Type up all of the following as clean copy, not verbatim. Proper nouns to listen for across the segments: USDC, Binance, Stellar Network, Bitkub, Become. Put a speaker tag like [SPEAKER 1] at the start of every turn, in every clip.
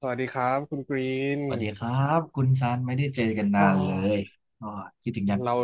[SPEAKER 1] สวัสดีครับคุณกรีน
[SPEAKER 2] สวัสดีครับคุณซันไม่ได้เจอกัน
[SPEAKER 1] อ๋
[SPEAKER 2] นา
[SPEAKER 1] อ
[SPEAKER 2] นเลยอ๋อคิดถึงยัง
[SPEAKER 1] เรา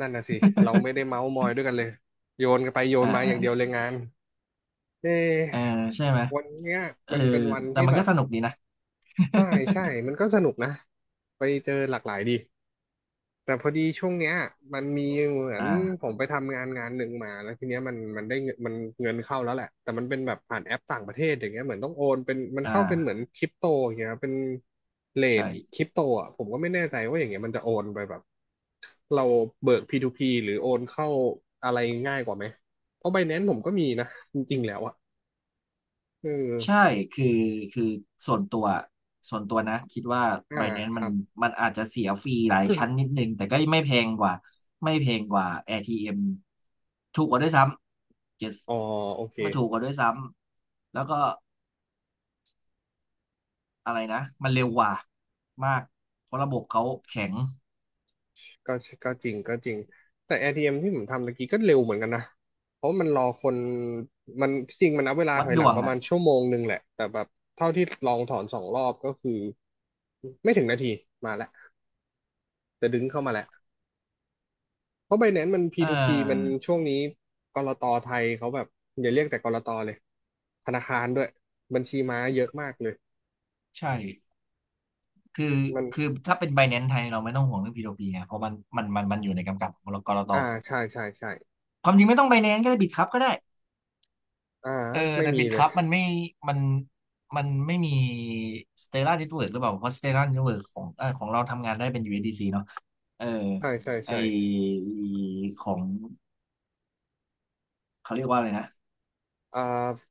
[SPEAKER 1] นั่นน่ะสิเราไม่ได้ เมาส์มอยด้วยกันเลยโยนกันไปโยน
[SPEAKER 2] อ่า
[SPEAKER 1] มาอ
[SPEAKER 2] อ่า
[SPEAKER 1] ย่างเดียวเลยงานเอ๊
[SPEAKER 2] เออ
[SPEAKER 1] ะ
[SPEAKER 2] ใช่ไหม
[SPEAKER 1] วันเนี้ย
[SPEAKER 2] เออ
[SPEAKER 1] มันเป็นวัน
[SPEAKER 2] แต่
[SPEAKER 1] ที่
[SPEAKER 2] มัน
[SPEAKER 1] แบ
[SPEAKER 2] ก็
[SPEAKER 1] บ
[SPEAKER 2] สนุกดีนะ
[SPEAKER 1] ใช่ใช่มันก็สนุกนะไปเจอหลากหลายดี แต่พอดีช่วงเนี้ยมันมีเหมือนผ
[SPEAKER 2] อ่า
[SPEAKER 1] มไปทำงานงานหนึ่งมาแล้วทีเนี้ยมันได้เงินมันเงินเข้าแล้วแหละแต่มันเป็นแบบผ่านแอปต่างประเทศอย่างเงี้ยเหมือนต้องโอนเป็นมัน
[SPEAKER 2] อ่า
[SPEAKER 1] เข้าเป็นเหมือนคริปโตอย่างเงี้ยเป็นเรทค
[SPEAKER 2] ใช่
[SPEAKER 1] ริปโตอ่ะผมก็ไม่แน่ใจว่าอย่างเงี้ยมันจะโอนไปแบบเราเบิก P2P หรือโอนเข้าอะไรง่ายกว่าไหมเพราะ b บแนน c e ผมก็มีนะจริงๆแล้วอ่ะเออ
[SPEAKER 2] ใช่คือคือส่วนตัวส่วนตัวนะคิดว่า
[SPEAKER 1] อ่า
[SPEAKER 2] Binance
[SPEAKER 1] ค
[SPEAKER 2] มั
[SPEAKER 1] รั
[SPEAKER 2] น
[SPEAKER 1] บ
[SPEAKER 2] มันอาจจะเสียฟรีหลายชั้นนิดนึงแต่ก็ไม่แพงกว่าไม่แพงกว่า ATM ถูกกว่าด้วยซ้ำ yes
[SPEAKER 1] อ๋อโอเค
[SPEAKER 2] ไม่ถูกกว่าด้วยซ้ำแล้วก็อะไรนะมันเร็วกว่ามากเพราะระบบเขาแข็ง
[SPEAKER 1] ก็ก็จริงก็จริงแต่ ATM ทีเอ็มที่ผมทำตะกี้ก็เร็วเหมือนกันนะเพราะมันรอคนมันที่จริงมันนับเวลา
[SPEAKER 2] วั
[SPEAKER 1] ถ
[SPEAKER 2] ด
[SPEAKER 1] อย
[SPEAKER 2] ด
[SPEAKER 1] หลั
[SPEAKER 2] ว
[SPEAKER 1] ง
[SPEAKER 2] ง
[SPEAKER 1] ประมา
[SPEAKER 2] อ่ะ
[SPEAKER 1] ณชั่วโมงหนึ่งแหละแต่แบบเท่าที่ลองถอนสองรอบก็คือไม่ถึงนาทีมาแล้วจะดึงเข้ามาแล้วเพราะ Binance มัน
[SPEAKER 2] เ
[SPEAKER 1] P2P มัน
[SPEAKER 2] ออ
[SPEAKER 1] ช่วงนี้กลตไทยเขาแบบอย่าเรียกแต่กลตเลยธนาคารด้วยบัญชีม้าเยอะมากเลย
[SPEAKER 2] ใช่คือ
[SPEAKER 1] มัน
[SPEAKER 2] คือถ้าเป็น Binance ไทย เราไม่ต้องห่วงเรื่อง P2P ไงเพราะมันอยู่ในกำกับของกลต
[SPEAKER 1] อ่าใช่ใช่ใช่
[SPEAKER 2] ความจริงไม่ต้อง Binance ก็ได้ Bitkub ก็ได้
[SPEAKER 1] อ่า
[SPEAKER 2] เออ
[SPEAKER 1] ไม่
[SPEAKER 2] แต่
[SPEAKER 1] มีเลย
[SPEAKER 2] Bitkub มันมันไม่มี Stellar Network หรือเปล่าเพราะ Stellar Network ของของเราทำงานได้เป็น USDC เอสดีซีเนาะเออ
[SPEAKER 1] ใช่ใช่
[SPEAKER 2] ไอ
[SPEAKER 1] ใช่
[SPEAKER 2] ของเขาเรียกว่าอะไรนะ
[SPEAKER 1] อ่า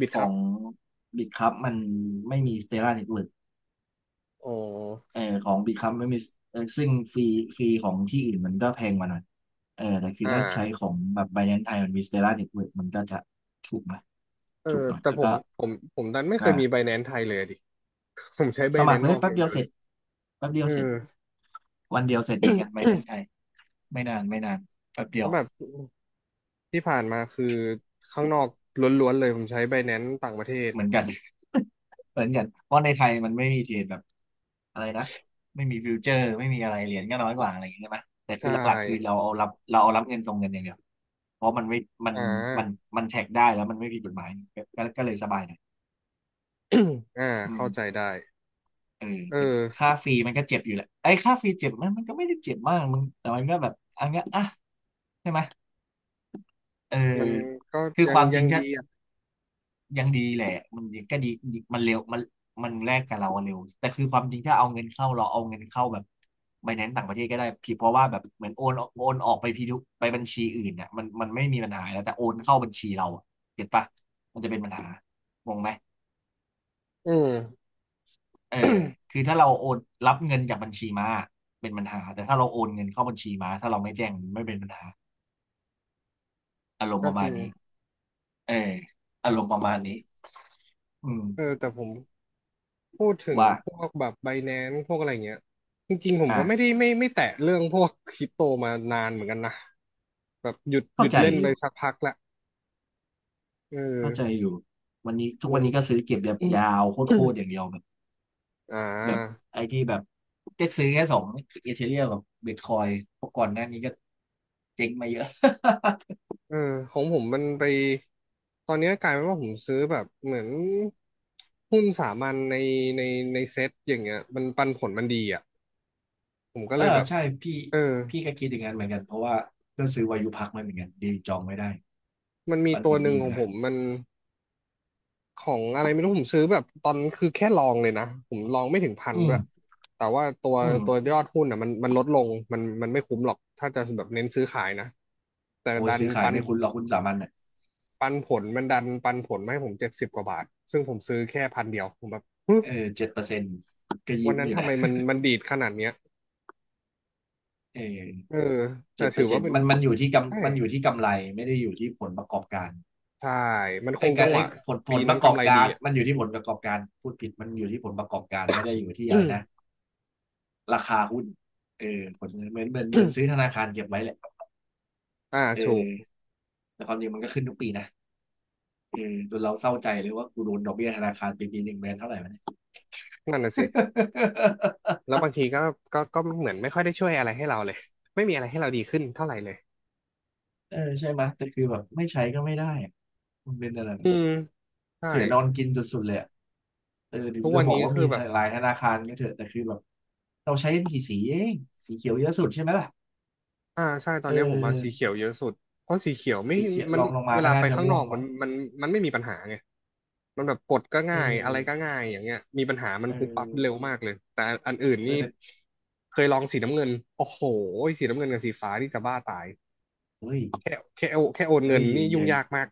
[SPEAKER 1] บิด
[SPEAKER 2] ข
[SPEAKER 1] ครั
[SPEAKER 2] อ
[SPEAKER 1] บ
[SPEAKER 2] ง Bitkub มันไม่มี Stellar Network
[SPEAKER 1] อ๋อ
[SPEAKER 2] เออของ Become ไม่มีเออซึ่งฟรีของที่อื่นมันก็แพงกว่าหน่อยเออแต่คือ
[SPEAKER 1] อ่า
[SPEAKER 2] ถ้าใช้ของแบบ Binance ไทยมันมี Stellar Network มันก็จะถูกหน่อย
[SPEAKER 1] เออ
[SPEAKER 2] ถูกหน่อย
[SPEAKER 1] แต่
[SPEAKER 2] แล้วก็
[SPEAKER 1] ผมผมดันไม่เคย
[SPEAKER 2] อ่า
[SPEAKER 1] มีไบแนน c e ไทยเลยอะดิ ผมใช้ไบ
[SPEAKER 2] ส
[SPEAKER 1] แน
[SPEAKER 2] มัค
[SPEAKER 1] น
[SPEAKER 2] ร
[SPEAKER 1] c e
[SPEAKER 2] เล
[SPEAKER 1] น
[SPEAKER 2] ย
[SPEAKER 1] อก
[SPEAKER 2] แป๊
[SPEAKER 1] อ
[SPEAKER 2] บ
[SPEAKER 1] ย่าง
[SPEAKER 2] เดีย
[SPEAKER 1] เดี
[SPEAKER 2] ว
[SPEAKER 1] ยว
[SPEAKER 2] เส
[SPEAKER 1] เล
[SPEAKER 2] ร็จ
[SPEAKER 1] ย
[SPEAKER 2] แป๊บเดี
[SPEAKER 1] เอ
[SPEAKER 2] ย
[SPEAKER 1] อ
[SPEAKER 2] วเสร็จวันเดียวเสร็จเหมือนกัน Binance ไทยไม่นานไม่นานแป๊บเดี
[SPEAKER 1] เพ
[SPEAKER 2] ยว
[SPEAKER 1] ราะแบบที่ผ่านมาคือข้างนอกล้วนๆเลยผมใช้ไบแนน c e ต่างประเทศ
[SPEAKER 2] เหมือนกัน เหมือนกันเพราะในไทยมันไม่มีเทรดแบบอะไรนะไม่มีฟิวเจอร์ไม่มีอะไรเหรียญก็น้อยกว่าอะไรอย่างเงี้ยใช่ไหมแต่คื
[SPEAKER 1] ใช่
[SPEAKER 2] อหลักๆคือเราเอารับเงินส่งเงินอย่างเดียวเพราะมันไม่มัน
[SPEAKER 1] อ่า
[SPEAKER 2] มันมันแท็กได้แล้วมันไม่ผิดกฎหมายก็เลยสบายหน่อย
[SPEAKER 1] อ่า
[SPEAKER 2] อื
[SPEAKER 1] เข้า
[SPEAKER 2] ม
[SPEAKER 1] ใจได้
[SPEAKER 2] เออ
[SPEAKER 1] เออ
[SPEAKER 2] แต่ค่าฟรีมันก็เจ็บอยู่แหละไอ้ยค่าฟรีเจ็บไหมันก็ไม่ได้เจ็บมากมึงแต่มันก็แบบอันเงี้ยอ่ะใช่ไหมเออ
[SPEAKER 1] มันก็
[SPEAKER 2] คือ
[SPEAKER 1] ยั
[SPEAKER 2] ค
[SPEAKER 1] ง
[SPEAKER 2] วามจ
[SPEAKER 1] ยั
[SPEAKER 2] ริง
[SPEAKER 1] ง
[SPEAKER 2] ชัด
[SPEAKER 1] ดีอ่ะ
[SPEAKER 2] ยังดีแหละมันยังก็ดีดีมันเร็วมันมันแลกกับเราอะเร็วแต่คือความจริงถ้าเราเอาเงินเข้าแบบไบแนนซ์ต่างประเทศก็ได้พี่เพราะว่าแบบเหมือนโอนออกไปพีทุไปบัญชีอื่นเนี่ยมันไม่มีปัญหาแล้วแต่โอนเข้าบัญชีเราอะเก็ตปะมันจะเป็นปัญหางงไหม
[SPEAKER 1] อืม
[SPEAKER 2] เออ คือถ้าเราโอนรับเงินจากบัญชีมาเป็นปัญหาแต่ถ้าเราโอนเงินเข้าบัญชีมาถ้าเราไม่แจ้งมันไม่เป็นปัญหาอารมณ์
[SPEAKER 1] ก็
[SPEAKER 2] ประ
[SPEAKER 1] จ
[SPEAKER 2] มา
[SPEAKER 1] ริ
[SPEAKER 2] ณ
[SPEAKER 1] ง
[SPEAKER 2] นี้เอออารมณ์ประมาณนี้อืม
[SPEAKER 1] เออแต่ผมพูดถึง
[SPEAKER 2] ว่า
[SPEAKER 1] พวกแบบไบแนน c e พวกอะไรเงี้ยจริงๆผม
[SPEAKER 2] อ่ะ
[SPEAKER 1] ก็ไม่ได้ไม่ไม่แตะเรื่องพวกคริปโตมานานเหมือนกันนะแบบหยุดห
[SPEAKER 2] เข้า
[SPEAKER 1] ยุด
[SPEAKER 2] ใจ
[SPEAKER 1] เล่น
[SPEAKER 2] อ
[SPEAKER 1] ไป
[SPEAKER 2] ยู่
[SPEAKER 1] สักพักละ เออ
[SPEAKER 2] เข้าใจอยู่วันนี้ทุก
[SPEAKER 1] เงิ
[SPEAKER 2] วัน
[SPEAKER 1] น
[SPEAKER 2] นี้ก็ซื้อเก็บแบบยาวโคต รๆอย่างเดียวแบบ
[SPEAKER 1] อ่
[SPEAKER 2] แบบ
[SPEAKER 1] า
[SPEAKER 2] ไอ้ที่แบบได้ซื้อแค่สองเอเธเรียมกับบิตคอยเพราะก่อนหน้านี้ก็เจ๊งมาเยอะ
[SPEAKER 1] เออของผมมันไปตอนนี้กลายเป็นว่าผมซื้อแบบเหมือนหุ้นสามัญในในเซ็ตอย่างเงี้ยมันปันผลมันดีอ่ะผมก็
[SPEAKER 2] เอ
[SPEAKER 1] เล
[SPEAKER 2] อ
[SPEAKER 1] ยแบบ
[SPEAKER 2] ใช่พี่
[SPEAKER 1] เออ
[SPEAKER 2] พี่ก็คิดอย่างนั้นเหมือนกันเพราะว่าก็ซื้อวายุพักมาเหมือนกันดีจองไม่ได้
[SPEAKER 1] มันมี
[SPEAKER 2] มัน
[SPEAKER 1] ตั
[SPEAKER 2] ผ
[SPEAKER 1] ว
[SPEAKER 2] ล
[SPEAKER 1] หนึ่
[SPEAKER 2] ดี
[SPEAKER 1] ง
[SPEAKER 2] อ
[SPEAKER 1] ข
[SPEAKER 2] ยู่
[SPEAKER 1] องผ
[SPEAKER 2] นะ
[SPEAKER 1] มมันของอะไรไม่รู้ผมซื้อแบบตอนคือแค่ลองเลยนะผมลองไม่ถึงพัน
[SPEAKER 2] อื
[SPEAKER 1] ด้
[SPEAKER 2] ม
[SPEAKER 1] วยแต่ว่าตัว
[SPEAKER 2] อื
[SPEAKER 1] ตัว
[SPEAKER 2] ม
[SPEAKER 1] ยอดหุ้นอ่ะมันลดลงมันไม่คุ้มหรอกถ้าจะแบบเน้นซื้อขายนะแต่
[SPEAKER 2] โอ้ย
[SPEAKER 1] ดัน
[SPEAKER 2] ซื้อขาย
[SPEAKER 1] ปัน
[SPEAKER 2] ไม่คุ้นหรอกคุณสามัญอ่ะ
[SPEAKER 1] ปันผลมันดันปันผลมาให้ผมเจ็ดสิบกว่าบาทซึ่งผมซื้อแค่พันเดียวผมแบบหึ
[SPEAKER 2] เออเจ็ดเปอร์เซ็นต์ก็
[SPEAKER 1] วั
[SPEAKER 2] ยิ้
[SPEAKER 1] น
[SPEAKER 2] ม
[SPEAKER 1] นั้
[SPEAKER 2] อ
[SPEAKER 1] น
[SPEAKER 2] ยู่
[SPEAKER 1] ทำ
[SPEAKER 2] นะ
[SPEAKER 1] ไมมันมันดีดขนาดเนี้ย
[SPEAKER 2] เอ
[SPEAKER 1] เออ
[SPEAKER 2] อ
[SPEAKER 1] แต่
[SPEAKER 2] เจ็ดเป
[SPEAKER 1] ถื
[SPEAKER 2] อ
[SPEAKER 1] อ
[SPEAKER 2] ร์เซ็
[SPEAKER 1] ว่า
[SPEAKER 2] นต์
[SPEAKER 1] เป็นใช่
[SPEAKER 2] มันอยู่ที่กำไรไม่ได้อยู่ที่ผลประกอบการ
[SPEAKER 1] ใช่มันค
[SPEAKER 2] ไอ้
[SPEAKER 1] ง
[SPEAKER 2] ยกา
[SPEAKER 1] จั
[SPEAKER 2] ร
[SPEAKER 1] งห
[SPEAKER 2] ไอ้
[SPEAKER 1] วะ
[SPEAKER 2] ผลผ
[SPEAKER 1] ปี
[SPEAKER 2] ลป
[SPEAKER 1] นั้น
[SPEAKER 2] ระกอ
[SPEAKER 1] กำ
[SPEAKER 2] บ
[SPEAKER 1] ไรดี
[SPEAKER 2] การ
[SPEAKER 1] อ่ะ
[SPEAKER 2] มันอยู่ที่ผลประกอบการพูดผิดมันอยู่ที่ผลประกอบการไม่ได้อยู่ที่อะไรนะราคาหุ้นเออผลเหมือนซื้อธนา คารเก็บไว้แหละ
[SPEAKER 1] อ่า
[SPEAKER 2] เอ
[SPEAKER 1] ถูก
[SPEAKER 2] อแต่ความจริงมันก็ขึ้นทุกปีนะเออจนเราเศร้าใจเลยว่ากูโดนดอกเบี้ยธนาคารปีหนึ่งเดอนเท่าไหร่วะเน
[SPEAKER 1] นั่นน่ะสิแล้วบางทีก็ก็เหมือนไม่ค่อยได้ช่วยอะไรให้เราเลยไม่มีอะไรให้เราดีขึ้นเท่าไหร่เลย
[SPEAKER 2] เออใช่ไหมยแต่คือแบบไม่ใช้ก็ไม่ได้อะมันเป็นอะไรแบ
[SPEAKER 1] อื
[SPEAKER 2] บ
[SPEAKER 1] มใช่
[SPEAKER 2] เสียนอนกินสุดๆเลยอะเออถึง
[SPEAKER 1] ทุก
[SPEAKER 2] จะ
[SPEAKER 1] วัน
[SPEAKER 2] บอก
[SPEAKER 1] นี้
[SPEAKER 2] ว่า
[SPEAKER 1] คื
[SPEAKER 2] มี
[SPEAKER 1] อแบบ
[SPEAKER 2] หลายธนาคารก็เถอะแต่คือแบบเราใช้กันกี่สีเองสีเขียวเยอะสุดใช่ไหมล่ะ
[SPEAKER 1] อ่าใช่ตอ
[SPEAKER 2] เอ
[SPEAKER 1] นเนี้ยผมมาสี
[SPEAKER 2] อ
[SPEAKER 1] เขียวเยอะสุดเพราะสีเขียวไม่
[SPEAKER 2] สีเขียว
[SPEAKER 1] มั
[SPEAKER 2] ล
[SPEAKER 1] น
[SPEAKER 2] องลงมา
[SPEAKER 1] เว
[SPEAKER 2] ก็
[SPEAKER 1] ลาไป
[SPEAKER 2] น่าจะ
[SPEAKER 1] ข้างน
[SPEAKER 2] ม่ว
[SPEAKER 1] อ
[SPEAKER 2] ง
[SPEAKER 1] กมั
[SPEAKER 2] มั้
[SPEAKER 1] น
[SPEAKER 2] ง
[SPEAKER 1] มันมันไม่มีปัญหาไงมันแบบกดก็
[SPEAKER 2] เออ
[SPEAKER 1] ง่ายอะไรก็ง่ายอย่างเงี้ยมีปัญหามัน
[SPEAKER 2] เอ
[SPEAKER 1] ปุ๊บปั๊บเร็ว
[SPEAKER 2] อ
[SPEAKER 1] มากเลยแต่อันอื่น
[SPEAKER 2] เอ
[SPEAKER 1] นี่
[SPEAKER 2] อแต่
[SPEAKER 1] เคยลองสีน้ำเงินโอ้โหสีน้ำเงินกับสีฟ้านี่จะบ้าตาย
[SPEAKER 2] เฮ้ย
[SPEAKER 1] แค่แค่โอแค่โอนเงิ
[SPEAKER 2] เฮ้
[SPEAKER 1] น
[SPEAKER 2] ย
[SPEAKER 1] นี่ยุ่งยากมาก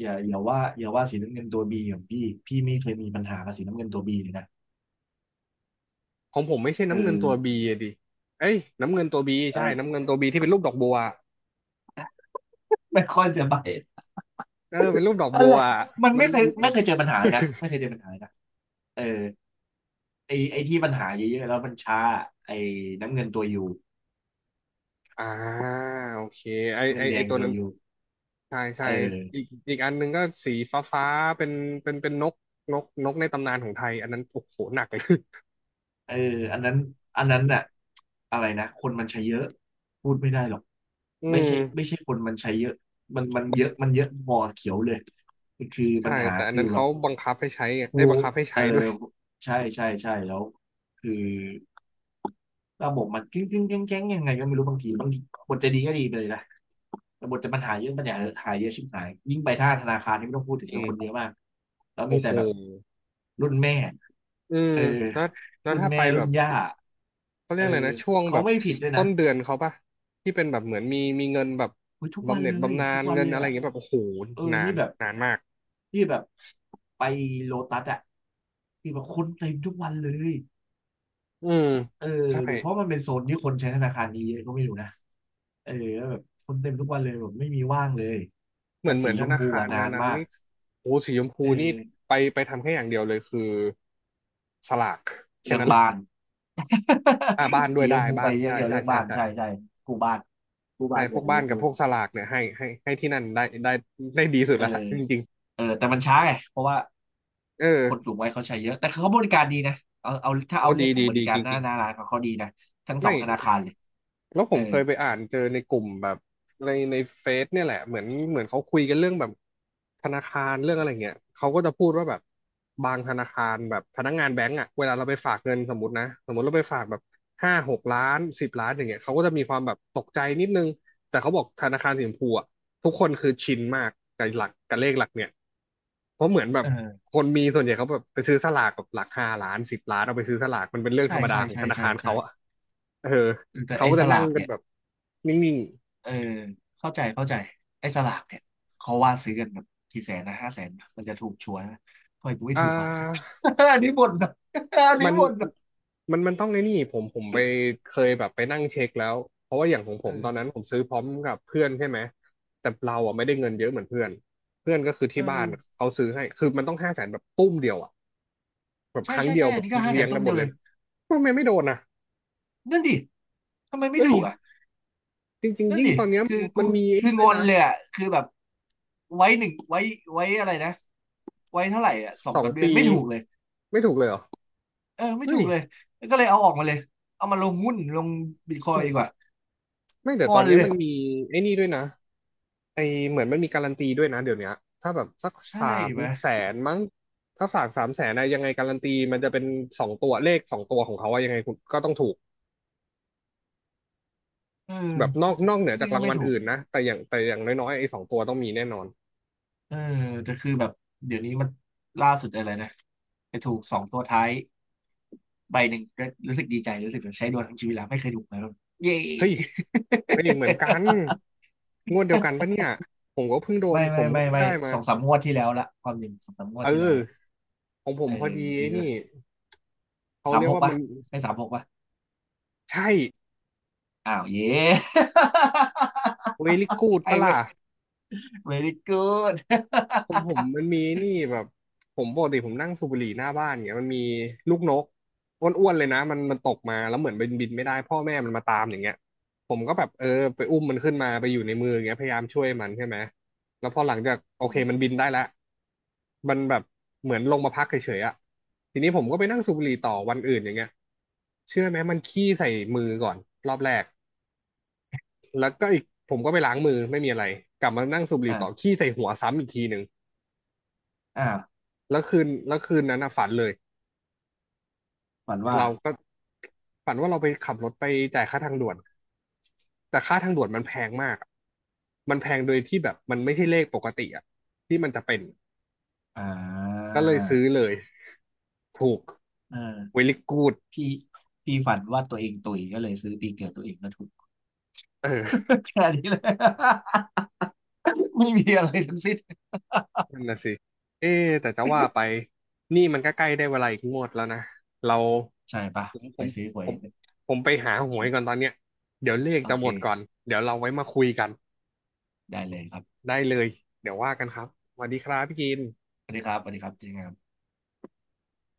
[SPEAKER 2] อย่าว่าสีน้ำเงินตัวบีของพี่ไม่เคยมีปัญหากับสีน้ำเงินตัวบีเลยนะ
[SPEAKER 1] ของผมไม่ใช่
[SPEAKER 2] เอ
[SPEAKER 1] น้ำเงินตัวบี
[SPEAKER 2] อ
[SPEAKER 1] ดิเอ้ยน้ำเงินตัวบีใช่น้ำ
[SPEAKER 2] เออ
[SPEAKER 1] เงินตัวบีที่เป็นรูปดอกบัว
[SPEAKER 2] ไม่ค่อยจะบาด
[SPEAKER 1] เออเป็นรูปดอก
[SPEAKER 2] อะ
[SPEAKER 1] บั
[SPEAKER 2] ไร
[SPEAKER 1] ว
[SPEAKER 2] มัน
[SPEAKER 1] มั
[SPEAKER 2] ไม่
[SPEAKER 1] น
[SPEAKER 2] เคยไม่เคยเจอปัญหาเลยนะไม่เคยเจอปัญหาเลยนะเออไอไอที่ปัญหาเยอะๆแล้วมันช้าไอน้ำเงินตัวยู
[SPEAKER 1] อ่าโอเคไอ
[SPEAKER 2] เงิ
[SPEAKER 1] ไอ
[SPEAKER 2] นแด
[SPEAKER 1] ไอ
[SPEAKER 2] ง
[SPEAKER 1] ตัว
[SPEAKER 2] ตัว
[SPEAKER 1] นั้น
[SPEAKER 2] ยู
[SPEAKER 1] ใช่ใช่
[SPEAKER 2] เอ
[SPEAKER 1] อี
[SPEAKER 2] อ
[SPEAKER 1] กอีกอันหนึ่งก็สีฟ้าฟ้าเป็นเป็นนกนกนกในตำนานของไทยอันนั้นโอ้โหหนักเลย
[SPEAKER 2] เอออันนั้นอันนั้นน่ะอะไรนะ คนมันใช้เยอะ พูดไม่ได้หรอก
[SPEAKER 1] อื
[SPEAKER 2] ไม่
[SPEAKER 1] ม
[SPEAKER 2] ใช่ไม่ใช่คนมันใช้เยอะมันเยอะ มันเยอะพอเขียวเลย คือปั
[SPEAKER 1] ใช่
[SPEAKER 2] ญหา
[SPEAKER 1] แต่อัน
[SPEAKER 2] คือ
[SPEAKER 1] นั้น
[SPEAKER 2] แบ
[SPEAKER 1] เขา
[SPEAKER 2] บ
[SPEAKER 1] บังคับให้ใช้ไง
[SPEAKER 2] ถู
[SPEAKER 1] ได้ยบัง
[SPEAKER 2] ก
[SPEAKER 1] คับให้
[SPEAKER 2] เอ
[SPEAKER 1] ใช้
[SPEAKER 2] อ
[SPEAKER 1] ด้วย
[SPEAKER 2] ใช่ใช่ใช่แล้วคือระบบมันกิ้งแก้งยังไงก็ไม่รู้บางทีบทจะดีก็ดีไปเลยนะแต่บทจะปัญหาเยอะปัญหาหายเยอะชิบหายยิ่งไปท่าธนาคารนี่ไม่ต้องพูดถึ
[SPEAKER 1] จ
[SPEAKER 2] ง
[SPEAKER 1] ริ
[SPEAKER 2] เล
[SPEAKER 1] ง
[SPEAKER 2] ยคนเยอะมากแล้วมี
[SPEAKER 1] โอ้โห
[SPEAKER 2] แต่แบบรุ่นแม่
[SPEAKER 1] อืม
[SPEAKER 2] เออ
[SPEAKER 1] แล้วแล้ว
[SPEAKER 2] รุ่น
[SPEAKER 1] ถ้าไป
[SPEAKER 2] แม่
[SPEAKER 1] แบ
[SPEAKER 2] รุ่น
[SPEAKER 1] บ
[SPEAKER 2] ย่า
[SPEAKER 1] เขาเรี
[SPEAKER 2] เอ
[SPEAKER 1] ยก
[SPEAKER 2] อ
[SPEAKER 1] อะไรนะช่วง
[SPEAKER 2] เขา
[SPEAKER 1] แบบ
[SPEAKER 2] ไม่ผิดด้วย
[SPEAKER 1] ต้
[SPEAKER 2] นะ
[SPEAKER 1] นเดือนเขาปะที่เป็นแบบเหมือนมีมีเงินแบบ
[SPEAKER 2] เฮ้ยทุก
[SPEAKER 1] บำ
[SPEAKER 2] วัน
[SPEAKER 1] เหน็จ
[SPEAKER 2] เลย
[SPEAKER 1] บำนา
[SPEAKER 2] ทุ
[SPEAKER 1] ญ
[SPEAKER 2] กวัน
[SPEAKER 1] เงิน
[SPEAKER 2] เล
[SPEAKER 1] อะ
[SPEAKER 2] ย
[SPEAKER 1] ไรอ
[SPEAKER 2] อ่ะ
[SPEAKER 1] ย่างเงี้ยแบบโอ้โห
[SPEAKER 2] เออ
[SPEAKER 1] นา
[SPEAKER 2] นี่
[SPEAKER 1] น
[SPEAKER 2] แบบ
[SPEAKER 1] นานมาก
[SPEAKER 2] นี่แบบไปโลตัสอ่ะที่แบบคนเต็มทุกวันเลย
[SPEAKER 1] อืม
[SPEAKER 2] เออ
[SPEAKER 1] ใช่
[SPEAKER 2] หรือเพราะมันเป็นโซนที่คนใช้ธนาคารนี้เยอะก็ไม่รู้นะเออแล้วแบบคนเต็มทุกวันเลยแบบไม่มีว่างเลย
[SPEAKER 1] เหมื
[SPEAKER 2] กั
[SPEAKER 1] อ
[SPEAKER 2] บ
[SPEAKER 1] นเหมื
[SPEAKER 2] สี
[SPEAKER 1] อน
[SPEAKER 2] ช
[SPEAKER 1] ธ
[SPEAKER 2] ม
[SPEAKER 1] นา
[SPEAKER 2] พู
[SPEAKER 1] คาร
[SPEAKER 2] อะนา
[SPEAKER 1] นั้น
[SPEAKER 2] น
[SPEAKER 1] นั้น
[SPEAKER 2] มาก
[SPEAKER 1] นี่โอ้สีชมพู
[SPEAKER 2] เอ
[SPEAKER 1] นี่
[SPEAKER 2] อ
[SPEAKER 1] ไปไปทำแค่อย่างเดียวเลยคือสลากแค่
[SPEAKER 2] เรื่อง
[SPEAKER 1] นั้นเลย
[SPEAKER 2] บ้าน
[SPEAKER 1] อ่าบ้าน ด้ว
[SPEAKER 2] สี
[SPEAKER 1] ย
[SPEAKER 2] ช
[SPEAKER 1] ได้
[SPEAKER 2] มพูไป
[SPEAKER 1] บ้าน
[SPEAKER 2] อย่าง
[SPEAKER 1] ใช่
[SPEAKER 2] เดียว
[SPEAKER 1] ใช่
[SPEAKER 2] เรื่อง
[SPEAKER 1] ใช่
[SPEAKER 2] บ้าน
[SPEAKER 1] ใช่
[SPEAKER 2] ใช่ใช่กูบ้านกู
[SPEAKER 1] ใช่
[SPEAKER 2] บ้าน
[SPEAKER 1] พ
[SPEAKER 2] อ
[SPEAKER 1] ว
[SPEAKER 2] ย่า
[SPEAKER 1] ก
[SPEAKER 2] ง
[SPEAKER 1] บ้า
[SPEAKER 2] นี้
[SPEAKER 1] นกั
[SPEAKER 2] ดู
[SPEAKER 1] บพวกสลากเนี่ยให้ที่นั่นได้ได้ดีสุด
[SPEAKER 2] เออ
[SPEAKER 1] แล้วล่ะจริง
[SPEAKER 2] เออแต่มันช้าไงเพราะว่า
[SPEAKER 1] ๆเออ
[SPEAKER 2] คนสูงวัยเขาใช้เยอะแต่เขาบริการดีนะเอาเอาถ้า
[SPEAKER 1] โอ้
[SPEAKER 2] เอาเรื่อ
[SPEAKER 1] ดี
[SPEAKER 2] งขอ
[SPEAKER 1] ดี
[SPEAKER 2] งบ
[SPEAKER 1] ดี
[SPEAKER 2] ริกา
[SPEAKER 1] จ
[SPEAKER 2] รหน้า
[SPEAKER 1] ริง
[SPEAKER 2] หน้าร้านเขาเขาดีนะทั้ง
[SPEAKER 1] ๆ
[SPEAKER 2] สอ
[SPEAKER 1] ไม่
[SPEAKER 2] งธนาคารเลย
[SPEAKER 1] แล้วผ
[SPEAKER 2] เออ
[SPEAKER 1] มเคยไปอ่านเจอในกลุ่มแบบในเฟซเนี่ยแหละเหมือนเขาคุยกันเรื่องแบบธนาคารเรื่องอะไรเงี้ยเขาก็จะพูดว่าแบบบางธนาคารแบบพนักงานแบงก์อ่ะเวลาเราไปฝากเงินสมมตินะสมมติเราไปฝากแบบ5-6 ล้านสิบล้านอย่างเงี้ยเขาก็จะมีความแบบตกใจนิดนึงแต่เขาบอกธนาคารสีชมพูอ่ะทุกคนคือชินมากกับหลักกับเลขหลักเนี่ยเพราะเหมือนแบบ
[SPEAKER 2] เออ
[SPEAKER 1] คนมีส่วนใหญ่เขาแบบไปซื้อสลากกับหลัก5 ล้านสิบล้านเอาไปซื้อสลากมันเป็นเรื่องธ
[SPEAKER 2] ใช่
[SPEAKER 1] รรมดา
[SPEAKER 2] ใช่
[SPEAKER 1] ของ
[SPEAKER 2] ใช่
[SPEAKER 1] ธนา
[SPEAKER 2] ใช่
[SPEAKER 1] คาร
[SPEAKER 2] ใช่
[SPEAKER 1] เขาอ่ะเออ
[SPEAKER 2] เออแต่
[SPEAKER 1] เขา
[SPEAKER 2] ไอ้
[SPEAKER 1] ก็
[SPEAKER 2] ส
[SPEAKER 1] จะนั่
[SPEAKER 2] ลา
[SPEAKER 1] ง
[SPEAKER 2] ก
[SPEAKER 1] กัน
[SPEAKER 2] เนี่ย
[SPEAKER 1] แบบนิ่ง
[SPEAKER 2] เออเข้าใจเข้าใจไอ้สลากเนี่ยเขาว่าซื้อกันแบบกี่แสนนะห้าแสนปะมันจะถูกชัวร์ไหมะทำไมกู
[SPEAKER 1] ๆ
[SPEAKER 2] ไม่ถูกวะ อันนี้บ่นนะ อันนี้
[SPEAKER 1] มัน
[SPEAKER 2] บ่นนะ
[SPEAKER 1] มันต้องไอ้นี่ผมไปเคยแบบไปนั่งเช็คแล้วเพราะว่าอย่างของผ
[SPEAKER 2] เอ
[SPEAKER 1] มต
[SPEAKER 2] อ
[SPEAKER 1] อนนั้นผมซื้อพร้อมกับเพื่อนใช่ไหม แต่เราอ่ะไม่ได้เงินเยอะเหมือนเพื่อนเพื่อนก็คือ
[SPEAKER 2] เอ
[SPEAKER 1] ที่
[SPEAKER 2] อ
[SPEAKER 1] บ้านเขาซื้อให้คือมันต้อง500,000แบบตุ้มเดียวอ่ะแบบ
[SPEAKER 2] ใช่
[SPEAKER 1] ครั้ง
[SPEAKER 2] ใช่
[SPEAKER 1] เดีย
[SPEAKER 2] ใช่
[SPEAKER 1] วแบ
[SPEAKER 2] อัน
[SPEAKER 1] บ
[SPEAKER 2] นี้ก็ห้าแส
[SPEAKER 1] เลี้ย
[SPEAKER 2] น
[SPEAKER 1] ง
[SPEAKER 2] ตุ้
[SPEAKER 1] กั
[SPEAKER 2] ม
[SPEAKER 1] นหม
[SPEAKER 2] เดีย
[SPEAKER 1] ด
[SPEAKER 2] ว
[SPEAKER 1] เล
[SPEAKER 2] เล
[SPEAKER 1] ย
[SPEAKER 2] ย
[SPEAKER 1] ทำไมไม่โดนอ่ะ
[SPEAKER 2] นั่นดิทำไมไม่
[SPEAKER 1] เอ้ย
[SPEAKER 2] ถูกอ่ะ
[SPEAKER 1] จริง
[SPEAKER 2] นั่
[SPEAKER 1] ๆ
[SPEAKER 2] น
[SPEAKER 1] ยิ่ง
[SPEAKER 2] ดิ
[SPEAKER 1] ตอนเนี้ย
[SPEAKER 2] คือ
[SPEAKER 1] มั
[SPEAKER 2] กู
[SPEAKER 1] นมีไอ้
[SPEAKER 2] คือ
[SPEAKER 1] นี่
[SPEAKER 2] ง
[SPEAKER 1] ด้ว
[SPEAKER 2] อ
[SPEAKER 1] ย
[SPEAKER 2] น
[SPEAKER 1] นะ
[SPEAKER 2] เลยอ่ะคือแบบไว้หนึ่งไว้ไว้อะไรนะไว้เท่าไหร่อ่ะสอ
[SPEAKER 1] ส
[SPEAKER 2] ง
[SPEAKER 1] อง
[SPEAKER 2] สามเดือน
[SPEAKER 1] ปี
[SPEAKER 2] ไม่ถูกเลย
[SPEAKER 1] ไม่ถูกเลยเหรอ
[SPEAKER 2] เออไม่
[SPEAKER 1] เฮ้
[SPEAKER 2] ถู
[SPEAKER 1] ย
[SPEAKER 2] กเลยก็เลยเอาออกมาเลยเอามาลงหุ้นลงบิตคอยดีกว่า
[SPEAKER 1] ไม่แต่
[SPEAKER 2] ง
[SPEAKER 1] ต
[SPEAKER 2] อ
[SPEAKER 1] อน
[SPEAKER 2] น
[SPEAKER 1] เนี้ย
[SPEAKER 2] เลย
[SPEAKER 1] มันมีไอ้นี่ด้วยนะ ไอเหมือนมันมีการันตีด้วยนะเดี๋ยวเนี้ยถ้าแบบสัก
[SPEAKER 2] ใช่
[SPEAKER 1] สาม
[SPEAKER 2] ไหม
[SPEAKER 1] แสนมั้งถ้าฝากสามแสนนะยังไงการันตีมันจะเป็นสองตัวเลขสองตัวของเขาว่ายังไงคุณก็ต้องถูก
[SPEAKER 2] เออ
[SPEAKER 1] แบบนอกเหนือจา
[SPEAKER 2] นี่
[SPEAKER 1] ก
[SPEAKER 2] ก็
[SPEAKER 1] ราง
[SPEAKER 2] ไม่
[SPEAKER 1] วัล
[SPEAKER 2] ถูก
[SPEAKER 1] อื่นนะแต่อย่างน้อยๆไอ้สองตัวต้องมีแน่นอน
[SPEAKER 2] เออแต่คือแบบเดี๋ยวนี้มันล่าสุดอะไรนะไปถูกสองตัวท้ายใบหนึ่งก็รู้สึกดีใจรู้สึกเหมือนใช้ดวงทั้งชีวิตแล้วไม่เคยถูกเลยแล้วเย้
[SPEAKER 1] เฮ้ยเฮ้ยเหมือนกัน งวดเดียวกันปะเนี่ย
[SPEAKER 2] ไม่
[SPEAKER 1] ผ
[SPEAKER 2] ไม่
[SPEAKER 1] มก็
[SPEAKER 2] ไม่
[SPEAKER 1] เพิ่ง
[SPEAKER 2] ไม่
[SPEAKER 1] ได้มา
[SPEAKER 2] สองสามงวดที่แล้วละความจริงสองสามงวด
[SPEAKER 1] เอ
[SPEAKER 2] ที่แล้ว
[SPEAKER 1] อ
[SPEAKER 2] ละ
[SPEAKER 1] ของผม
[SPEAKER 2] เออ
[SPEAKER 1] พอดี
[SPEAKER 2] ซื้
[SPEAKER 1] ไอ้
[SPEAKER 2] อ
[SPEAKER 1] นี่เขา
[SPEAKER 2] สาม
[SPEAKER 1] เรียก
[SPEAKER 2] หก
[SPEAKER 1] ว่า
[SPEAKER 2] ปะ
[SPEAKER 1] มัน
[SPEAKER 2] ใช่สามหกปะ
[SPEAKER 1] ใช่
[SPEAKER 2] อ้าวเย้
[SPEAKER 1] very good
[SPEAKER 2] ใช่
[SPEAKER 1] ปะ
[SPEAKER 2] เว้
[SPEAKER 1] ล่ะ
[SPEAKER 2] ย very good
[SPEAKER 1] ผมผ มมันมีนี่แบบผมปกติผมนั่งสูบบุหรี่หน้าบ้านเงี้ยมันมีลูกนกอ้วนๆเลยนะมันตกมาแล้วเหมือนบินไม่ได้พ่อแม่มันมาตามอย่างเงี้ยผมก็แบบเออไปอุ้มมันขึ้นมาไปอยู่ในมืออย่างเงี้ยพยายามช่วยมันใช่ไหมแล้วพอหลังจากโอเคมันบินได้แล้วมันแบบเหมือนลงมาพักเฉยๆอะทีนี้ผมก็ไปนั่งสูบบุหรี่ต่อวันอื่นอย่างเงี้ยเชื่อไหมมันขี้ใส่มือก่อนรอบแรกแล้วก็อีกผมก็ไปล้างมือไม่มีอะไรกลับมานั่งสูบบุหรี่
[SPEAKER 2] อ่า
[SPEAKER 1] ต่อ
[SPEAKER 2] อ่า
[SPEAKER 1] ขี้ใส่หัวซ้ำอีกทีหนึ่ง
[SPEAKER 2] อ่า
[SPEAKER 1] แล้วคืนนั้นน่ะฝันเลย
[SPEAKER 2] ฝันว่า
[SPEAKER 1] เราก็ฝันว่าเราไปขับรถไปจ่ายค่าทางด่วนแต่ค่าทางด่วนมันแพงมากอะมันแพงโดยที่แบบมันไม่ใช่เลขปกติอะที่มันจะเป็น
[SPEAKER 2] อ่า
[SPEAKER 1] ก็เลยซื้อเลยถูก
[SPEAKER 2] เออ
[SPEAKER 1] เวลิกูด
[SPEAKER 2] พี่พี่ฝันว่าตัวเองตุยก็เลยซื้อปีเกิดตัวเองก็ถูก
[SPEAKER 1] เออ
[SPEAKER 2] แค่นี้เลย ไม่มีอะไรทั้งสิ้น
[SPEAKER 1] นั่นนะสิเอ๊ะแต่จะว่าไปนี่มันก็ใกล้ได้เวลาอีกงวดแล้วนะเรา
[SPEAKER 2] ใช่ปะ
[SPEAKER 1] ผมผ
[SPEAKER 2] ไป
[SPEAKER 1] ม
[SPEAKER 2] ซื้อหว
[SPEAKER 1] ผ
[SPEAKER 2] ย
[SPEAKER 1] มผมไปหาหวยก่อนตอนเนี้ยเดี๋ยวเลข
[SPEAKER 2] โอ
[SPEAKER 1] จะหมดก่อน
[SPEAKER 2] เค
[SPEAKER 1] เดี๋ยวเราไว้มาคุยกัน
[SPEAKER 2] ได้เลยครับ
[SPEAKER 1] ได้เลยเดี๋ยวว่ากันครับสวัสดีครับพี่กิน
[SPEAKER 2] สวัสดีครับสวัสดีครับเจริงครับ